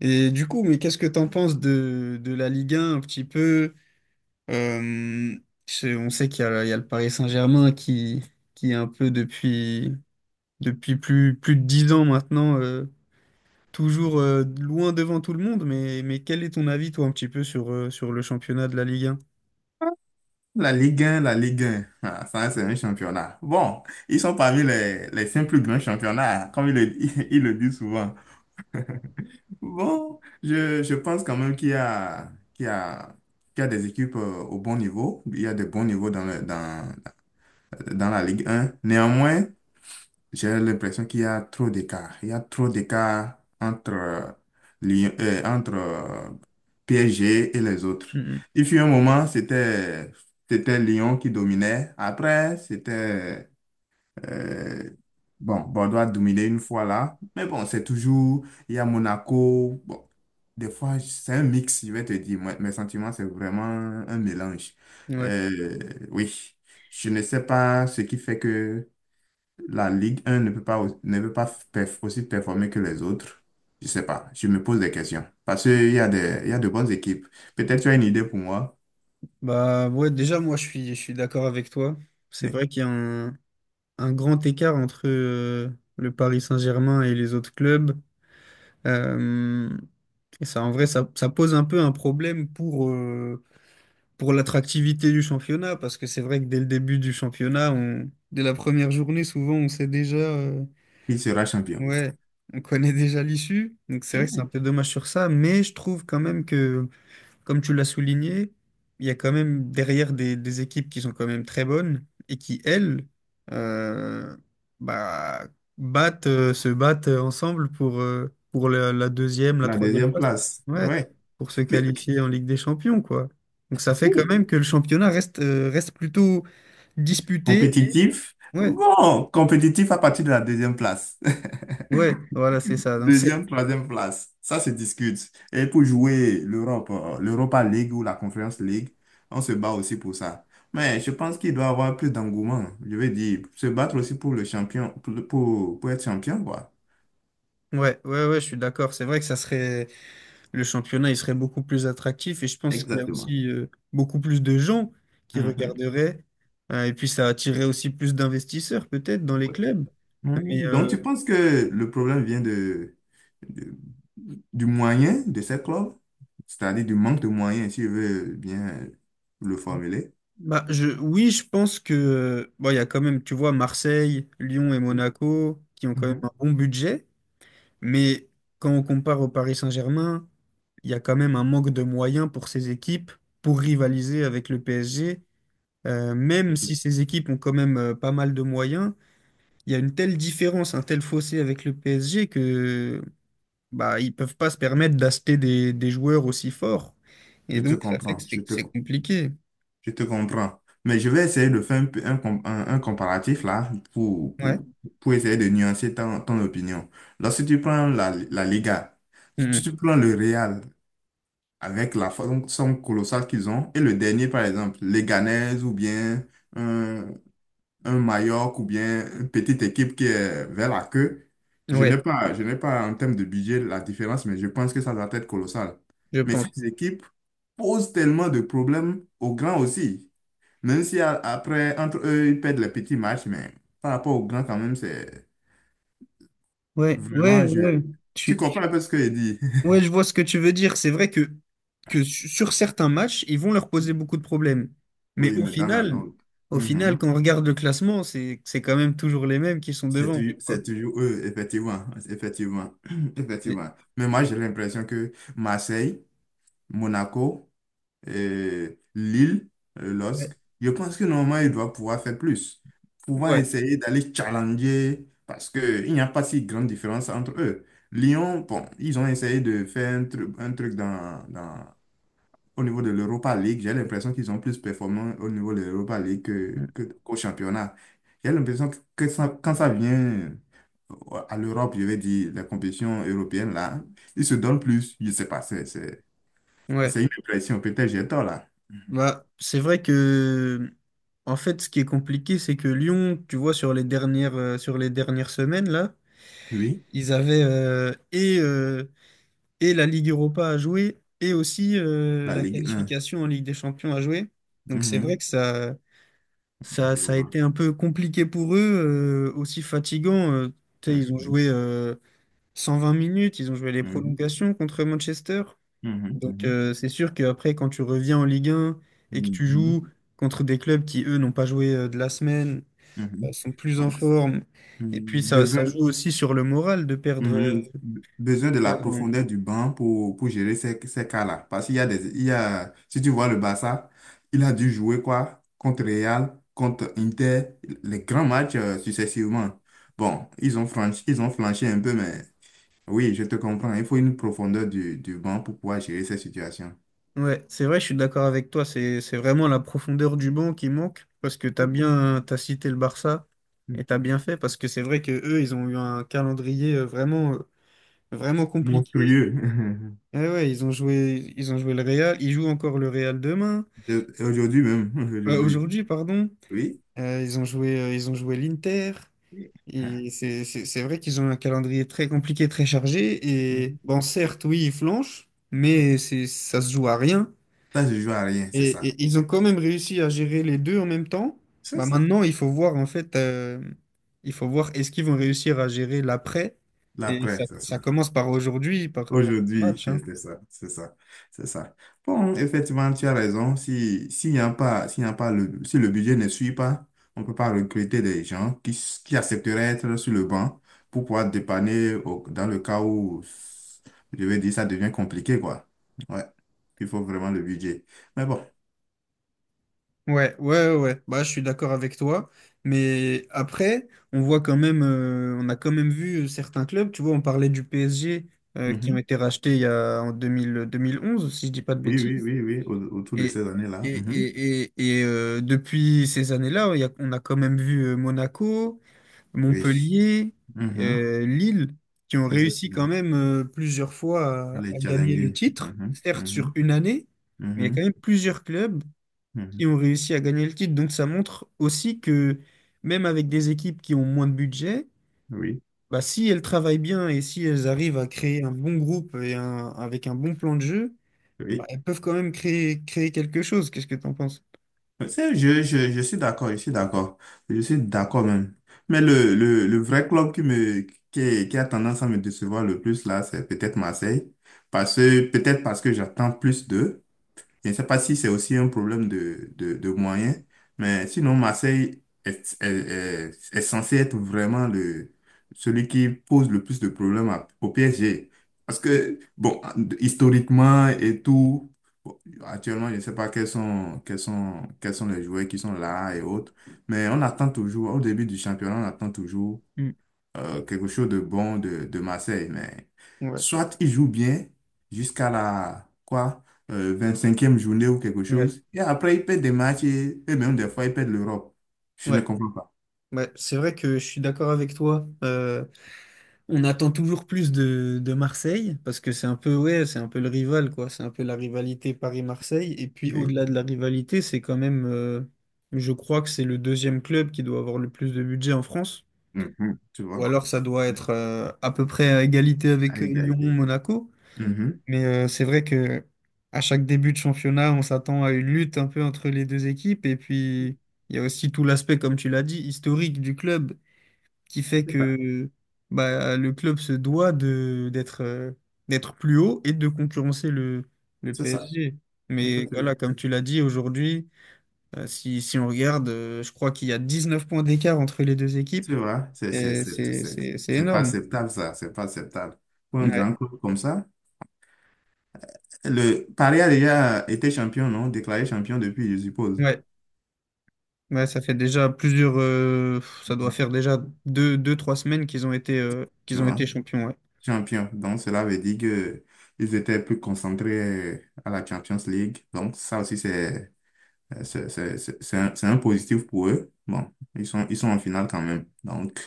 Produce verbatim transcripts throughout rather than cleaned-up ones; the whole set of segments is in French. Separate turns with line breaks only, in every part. Et du coup, mais qu'est-ce que t'en penses de, de la Ligue 1 un petit peu? Euh, c'est- on sait qu'il y a, il y a le Paris Saint-Germain qui, qui est un peu depuis, depuis plus, plus de dix ans maintenant, euh, toujours euh, loin devant tout le monde. Mais, mais quel est ton avis, toi, un petit peu sur, euh, sur le championnat de la Ligue un?
La Ligue un, la Ligue un, ah, ça c'est un championnat. Bon, ils sont parmi les, les cinq plus grands championnats, comme ils le, ils le disent souvent. Bon, je, je pense quand même qu'il y a, qu'il y a, qu'il y a des équipes euh, au bon niveau. Il y a des bons niveaux dans, le- dans, dans la Ligue un. Néanmoins, j'ai l'impression qu'il y a trop d'écart. Il y a trop d'écart entre, euh, Lyon- euh, entre euh, P S G et les autres.
Mhm.
Il fut un moment, c'était, c'était Lyon qui dominait. Après, c'était... euh, bon, Bordeaux a dominé une fois là. Mais bon, c'est toujours... Il y a Monaco. Bon, des fois, c'est un mix, je vais te dire. Moi, mes sentiments, c'est vraiment un mélange.
Ouais.
Euh, oui, je ne sais pas ce qui fait que la Ligue un ne peut pas, au- ne peut pas perf- aussi performer que les autres. Je sais pas. Je me pose des questions. Parce qu'il y a des, il y a de bonnes équipes. Peut-être tu as une idée pour moi,
Bah ouais, déjà, moi, je suis, je suis d'accord avec toi. C'est
mais
vrai qu'il y a un, un grand écart entre euh, le Paris Saint-Germain et les autres clubs. Euh, Et ça, en vrai, ça, ça pose un peu un problème pour, euh, pour l'attractivité du championnat, parce que c'est vrai que dès le début du championnat, on, dès la première journée, souvent, on sait déjà, euh,
qui sera champion?
ouais, on connaît déjà l'issue. Donc c'est vrai que c'est un
Hmm,
peu dommage sur ça, mais je trouve quand même que, comme tu l'as souligné, il y a quand même derrière des, des équipes qui sont quand même très bonnes et qui, elles, euh, bah, battent, euh, se battent ensemble pour, euh, pour la, la deuxième, la
la
troisième
deuxième
place.
place.
Ouais,
Ouais.
pour se
Mais
qualifier en Ligue des Champions, quoi. Donc ça fait quand
oui,
même que le championnat reste, euh, reste plutôt disputé.
compétitif.
Ouais,
Bon, compétitif à partir de la deuxième place.
ouais, voilà, c'est ça. Donc c'est,
Deuxième, troisième place, ça se discute. Et pour jouer l'Europe, euh, l'Europa League ou la Conference League, on se bat aussi pour ça. Mais je pense qu'il doit y avoir plus d'engouement. Je veux dire, se battre aussi pour le champion, pour, le- pour, pour être champion, quoi.
ouais, ouais, ouais, je suis d'accord. C'est vrai que ça serait. Le championnat il serait beaucoup plus attractif et je pense qu'il y a
Exactement.
aussi euh, beaucoup plus de gens qui
Mhm.
regarderaient. Euh, et puis ça attirerait aussi plus d'investisseurs peut-être dans les
Oui.
clubs. Mais
Mhm. Donc,
euh,
tu penses que le problème vient de, de- du moyen de ces clubs, c'est-à-dire du manque de moyens, si je veux bien le formuler.
bah, je oui je pense que euh, bon, il y a quand même, tu vois, Marseille, Lyon et
Oui.
Monaco qui ont quand même
Mhm.
un bon budget, mais quand on compare au Paris Saint-Germain, il y a quand même un manque de moyens pour ces équipes pour rivaliser avec le P S G. Euh,
Je
même si
te
ces équipes ont quand même euh, pas mal de moyens, il y a une telle différence, un tel fossé avec le P S G que, bah, ils peuvent pas se permettre d'acheter des, des joueurs aussi forts. Et
je te
donc ça fait que
comprends, je
c'est
te
c'est compliqué.
Je te comprends. Mais je vais essayer de faire un, peu- un, com- un- un comparatif là pour,
Ouais.
pour, pour essayer de nuancer ton, ton opinion. Lorsque tu prends la, la Liga, si
Mhm.
tu prends le Real avec la forme somme colossale qu'ils ont, et le dernier par exemple, Leganés ou bien un, un Mallorca ou bien une petite équipe qui est vers la queue, je n'ai
Ouais,
pas, je n'ai pas en termes de budget la différence, mais je pense que ça doit être colossal.
je
Mais
pense.
ces équipes posent tellement de problèmes aux grands aussi. Même si a- après, entre eux, ils perdent les petits matchs, mais par rapport aux grands, quand même, c'est
Ouais, ouais,
vraiment
ouais.
je. Tu
Tu...
comprends un peu ce que je dis?
Ouais, je vois ce que tu veux dire. C'est vrai que, que su- sur certains matchs, ils vont leur poser beaucoup de problèmes. Mais
Oui,
au
mais dans la
final,
langue.
au final,
Mhm.
quand on regarde le classement, c'est c'est quand même toujours les mêmes qui sont
C'est
devant,
tou-
tu vois.
c'est toujours eux, effectivement. Effectivement.
Les-
Effectivement. Mais moi, j'ai l'impression que Marseille, Monaco, euh, Lille, euh, LOSC,
Ouais.
je pense que normalement, il doit pouvoir faire plus, pouvoir
Ouais.
essayer d'aller challenger, parce qu'il n'y a pas si grande différence entre eux. Lyon, bon, ils ont essayé de faire un truc, un truc dans, dans- au niveau de l'Europa League. J'ai l'impression qu'ils sont plus performants au niveau de l'Europa League que, que- qu'au championnat. J'ai l'impression que ça- quand ça vient euh, à l'Europe, je vais dire, la compétition européenne, là, ils se donnent plus. Je sais pas, c'est c'est-
Ouais.
c'est une impression. Peut-être j'ai tort, là.
Bah, c'est vrai que, en fait, ce qui est compliqué, c'est que Lyon, tu vois, sur les dernières, euh, sur les dernières semaines, là,
Oui.
ils avaient euh, et, euh, et la Ligue Europa à jouer et aussi euh,
La
la
Ligue un.
qualification en Ligue des Champions à jouer. Donc, c'est vrai
Mhm.
que ça, ça,
Je
ça a
vois.
été un peu compliqué pour eux, euh, aussi fatigant. Euh, tu sais, ils ont
Mhm.
joué euh, cent vingt minutes, ils ont joué les
Mhm.
prolongations contre Manchester. Donc
Mhm.
euh, c'est sûr qu'après, quand tu reviens en Ligue un et que
Mhm.
tu
Mhm.
joues contre des clubs qui, eux, n'ont pas joué euh, de la semaine,
Mhm.
euh, sont plus en
Donc,
forme,
mm,
et puis ça, ça
besoin,
joue aussi sur le moral de perdre. euh,
mhm. Be-
de
besoin de la
perdre en-
profondeur du banc pour, pour gérer ces, ces cas-là. Parce qu'il y a des, il y a, si tu vois le Barça, il a dû jouer quoi? Contre Real, contre Inter, les grands matchs euh, successivement. Bon, ils ont franchi, ils ont flanché un peu, mais oui, je te comprends. Il faut une profondeur du, du banc pour pouvoir gérer ces situations.
Ouais, c'est vrai, je suis d'accord avec toi, c'est, c'est vraiment la profondeur du banc qui manque, parce que tu as bien, t'as cité le Barça, et tu as bien fait, parce que c'est vrai que eux, ils ont eu un calendrier euh, vraiment, euh, vraiment compliqué.
Monstrueux.
Ouais, ouais, ils ont joué, ils ont joué le Real, ils jouent encore le Real demain,
Euh, Aujourd'hui même,
euh,
aujourd'hui.
aujourd'hui, pardon.
Oui.
Euh, ils ont joué, euh, ils ont joué l'Inter.
Oui. Ah.
Et c'est c'est- c'est vrai qu'ils ont un calendrier très compliqué, très chargé. Et
Mhm.
bon, certes, oui, ils flanchent, mais c'est, ça se joue à rien.
Ça, je joue à rien, c'est
Et,
ça.
et ils ont quand même réussi à gérer les deux en même temps.
C'est
Bah,
ça.
maintenant, il faut voir, en fait, euh, il faut voir est-ce qu'ils vont réussir à gérer l'après. Et ça,
L'après, c'est ça.
ça commence par aujourd'hui, par
Aujourd'hui,
match, hein.
c'est ça, c'est ça, c'est ça. Bon, effectivement, tu as raison. Si, s'il n'y a pas, s'il n'y a pas le, si le budget ne suit pas, on ne peut pas recruter des gens qui, s- qui accepteraient d'être sur le banc pour pouvoir dépanner au- dans le cas où, je vais dire, ça devient compliqué, quoi. Ouais. Il faut vraiment le budget. Mais bon.
Ouais, ouais, ouais, ouais. Bah, je suis d'accord avec toi. Mais après, on voit quand même, euh, on a quand même vu euh, certains clubs, tu vois, on parlait du P S G, euh, qui ont
Mhm.
été rachetés il y a, en deux deux mille deux mille onze, si je dis pas de
Oui, oui,
bêtises.
oui, oui, au- autour de
Et,
ces
et,
années-là. Mhm.
et, et, et, euh, depuis ces années-là, il y a- on a quand même vu euh, Monaco,
Oui.
Montpellier,
Mhm.
euh, Lille, qui ont réussi quand
Effectivement.
même euh, plusieurs fois à
Les
à gagner le
challenger.
titre,
Mhm.
certes sur
Mhm.
une année. Mais il y a quand
Mhm.
même plusieurs clubs
Mhm.
qui ont réussi à gagner le titre. Donc ça montre aussi que, même avec des équipes qui ont moins de budget,
Oui.
bah, si elles travaillent bien et si elles arrivent à créer un bon groupe et un, avec un bon plan de jeu, bah,
Oui.
elles peuvent quand même créer, créer quelque chose. Qu'est-ce que tu en penses?
C'est- je, je, je suis d'accord, je suis d'accord. Je suis d'accord même. Mais le, le, le vrai club qui me, qui, qui a tendance à me décevoir le plus là, c'est peut-être Marseille. Parce que, peut-être parce que j'attends plus d'eux. Je ne sais pas si c'est aussi un problème de, de, de moyens, mais sinon, Marseille est, est, est, est censé être vraiment le, celui qui pose le plus de problèmes à- au P S G. Parce
Mm,
que, bon, historiquement et tout, bon, actuellement, je ne sais pas quels sont, quels sont, quels sont les joueurs qui sont là et autres, mais on attend toujours, au début du championnat, on attend toujours
mm.
euh, quelque chose de bon de, de Marseille. Mais
Ouais,
soit il joue bien jusqu'à la quoi, euh, vingt-cinquième journée ou quelque
ouais,
chose, et après il perd des matchs et, et même des fois il perd l'Europe. Je ne
ouais.
comprends pas.
Ouais, c'est vrai que je suis d'accord avec toi. euh, On attend toujours plus de, de Marseille parce que c'est un peu, ouais, c'est un peu le rival, quoi, c'est un peu la rivalité Paris-Marseille et puis
Et-
au-delà de la rivalité, c'est quand même euh, je crois que c'est le deuxième club qui doit avoir le plus de budget en France
Mhm. Tu
ou
vois,
alors ça doit être euh, à peu près à égalité
à
avec euh, Lyon,
égalité.
Monaco,
Mhm.
mais euh, c'est vrai que à chaque début de championnat, on s'attend à une lutte un peu entre les deux équipes et puis il y a aussi tout l'aspect, comme tu l'as dit, historique du club, qui fait que, bah, le club se doit de d'être euh, d'être plus haut et de concurrencer le, le
C'est ça.
P S G. Mais
Effectivement.
voilà, comme tu l'as dit aujourd'hui, euh, si, si on regarde, euh, je crois qu'il y a dix neuf points d'écart entre les deux équipes
Tu vois, c'est c'est-
et
c'est-
c'est
c'est-
c'est- c'est
c'est pas
énorme.
acceptable ça, c'est pas acceptable. Pour un
Ouais,
grand club comme ça, le Paris a déjà été champion, non? Déclaré champion depuis, je suppose.
ouais, ouais, ça fait déjà plusieurs, euh, ça doit faire déjà deux, deux, trois semaines qu'ils ont été euh,
Tu
qu'ils ont
vois.
été champions, ouais.
Champions. Donc, cela veut dire que ils étaient plus concentrés à la Champions League. Donc, ça aussi, c'est c'est c'est- c'est- c'est un, c'est un positif pour eux. Bon, ils sont, ils sont en finale quand même. Donc,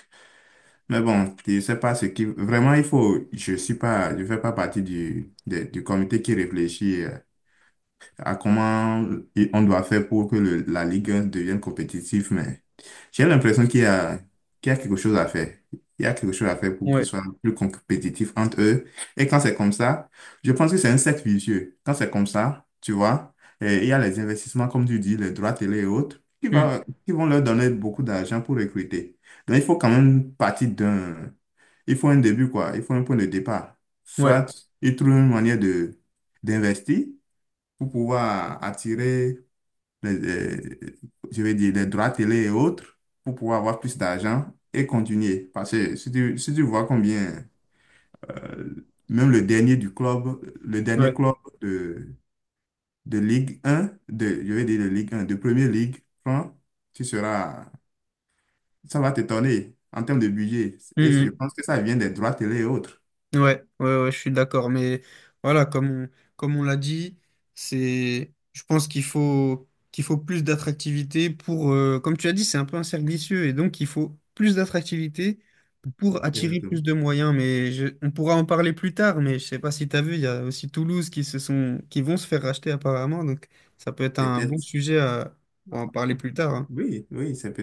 mais bon, je sais pas ce qui... Vraiment, il faut... Je suis pas... Je fais pas partie du, des- du comité qui réfléchit euh, à comment on doit faire pour que le- la Ligue un devienne compétitive, mais j'ai l'impression qu'il y a, qu'il y a quelque chose à faire. Il y a quelque chose à faire pour qu'ils
Ouais,
soient plus compétitifs entre eux. Et quand c'est comme ça, je pense que c'est un cercle vicieux. Quand c'est comme ça, tu vois, et il y a les investissements, comme tu dis, les droits télé et autres, qui
Mm.
va, qui vont leur donner beaucoup d'argent pour recruter. Donc, il faut quand même partir d'un... Il faut un début, quoi. Il faut un point de départ.
Ouais,
Soit ils trouvent une manière de d'investir, pour pouvoir attirer les, euh, je vais dire, les droits télé et autres, pour pouvoir avoir plus d'argent et continuer. Parce que si tu, si tu vois combien, euh, même le dernier du club, le dernier
ouais.
club de, de Ligue un, de, je vais dire de Ligue un, de Première Ligue, prend, tu seras, ça va t'étonner en termes de budget.
Mm,
Et je
mm.
pense que ça vient des droits télé et autres.
Ouais, ouais, ouais, je suis d'accord. Mais voilà, comme on, comme on l'a dit, c'est, je pense qu'il faut, qu'il faut plus d'attractivité pour, euh, comme tu as dit, c'est un peu un cercle vicieux. Et donc, il faut plus d'attractivité pour attirer plus
Exactement.
de moyens. Mais je- on pourra en parler plus tard. Mais je sais pas si tu as vu, il y a aussi Toulouse qui se sont, qui vont se faire racheter apparemment. Donc, ça peut être un bon
Peut-être.
sujet à, pour en parler plus tard, hein.
Oui, oui, c'est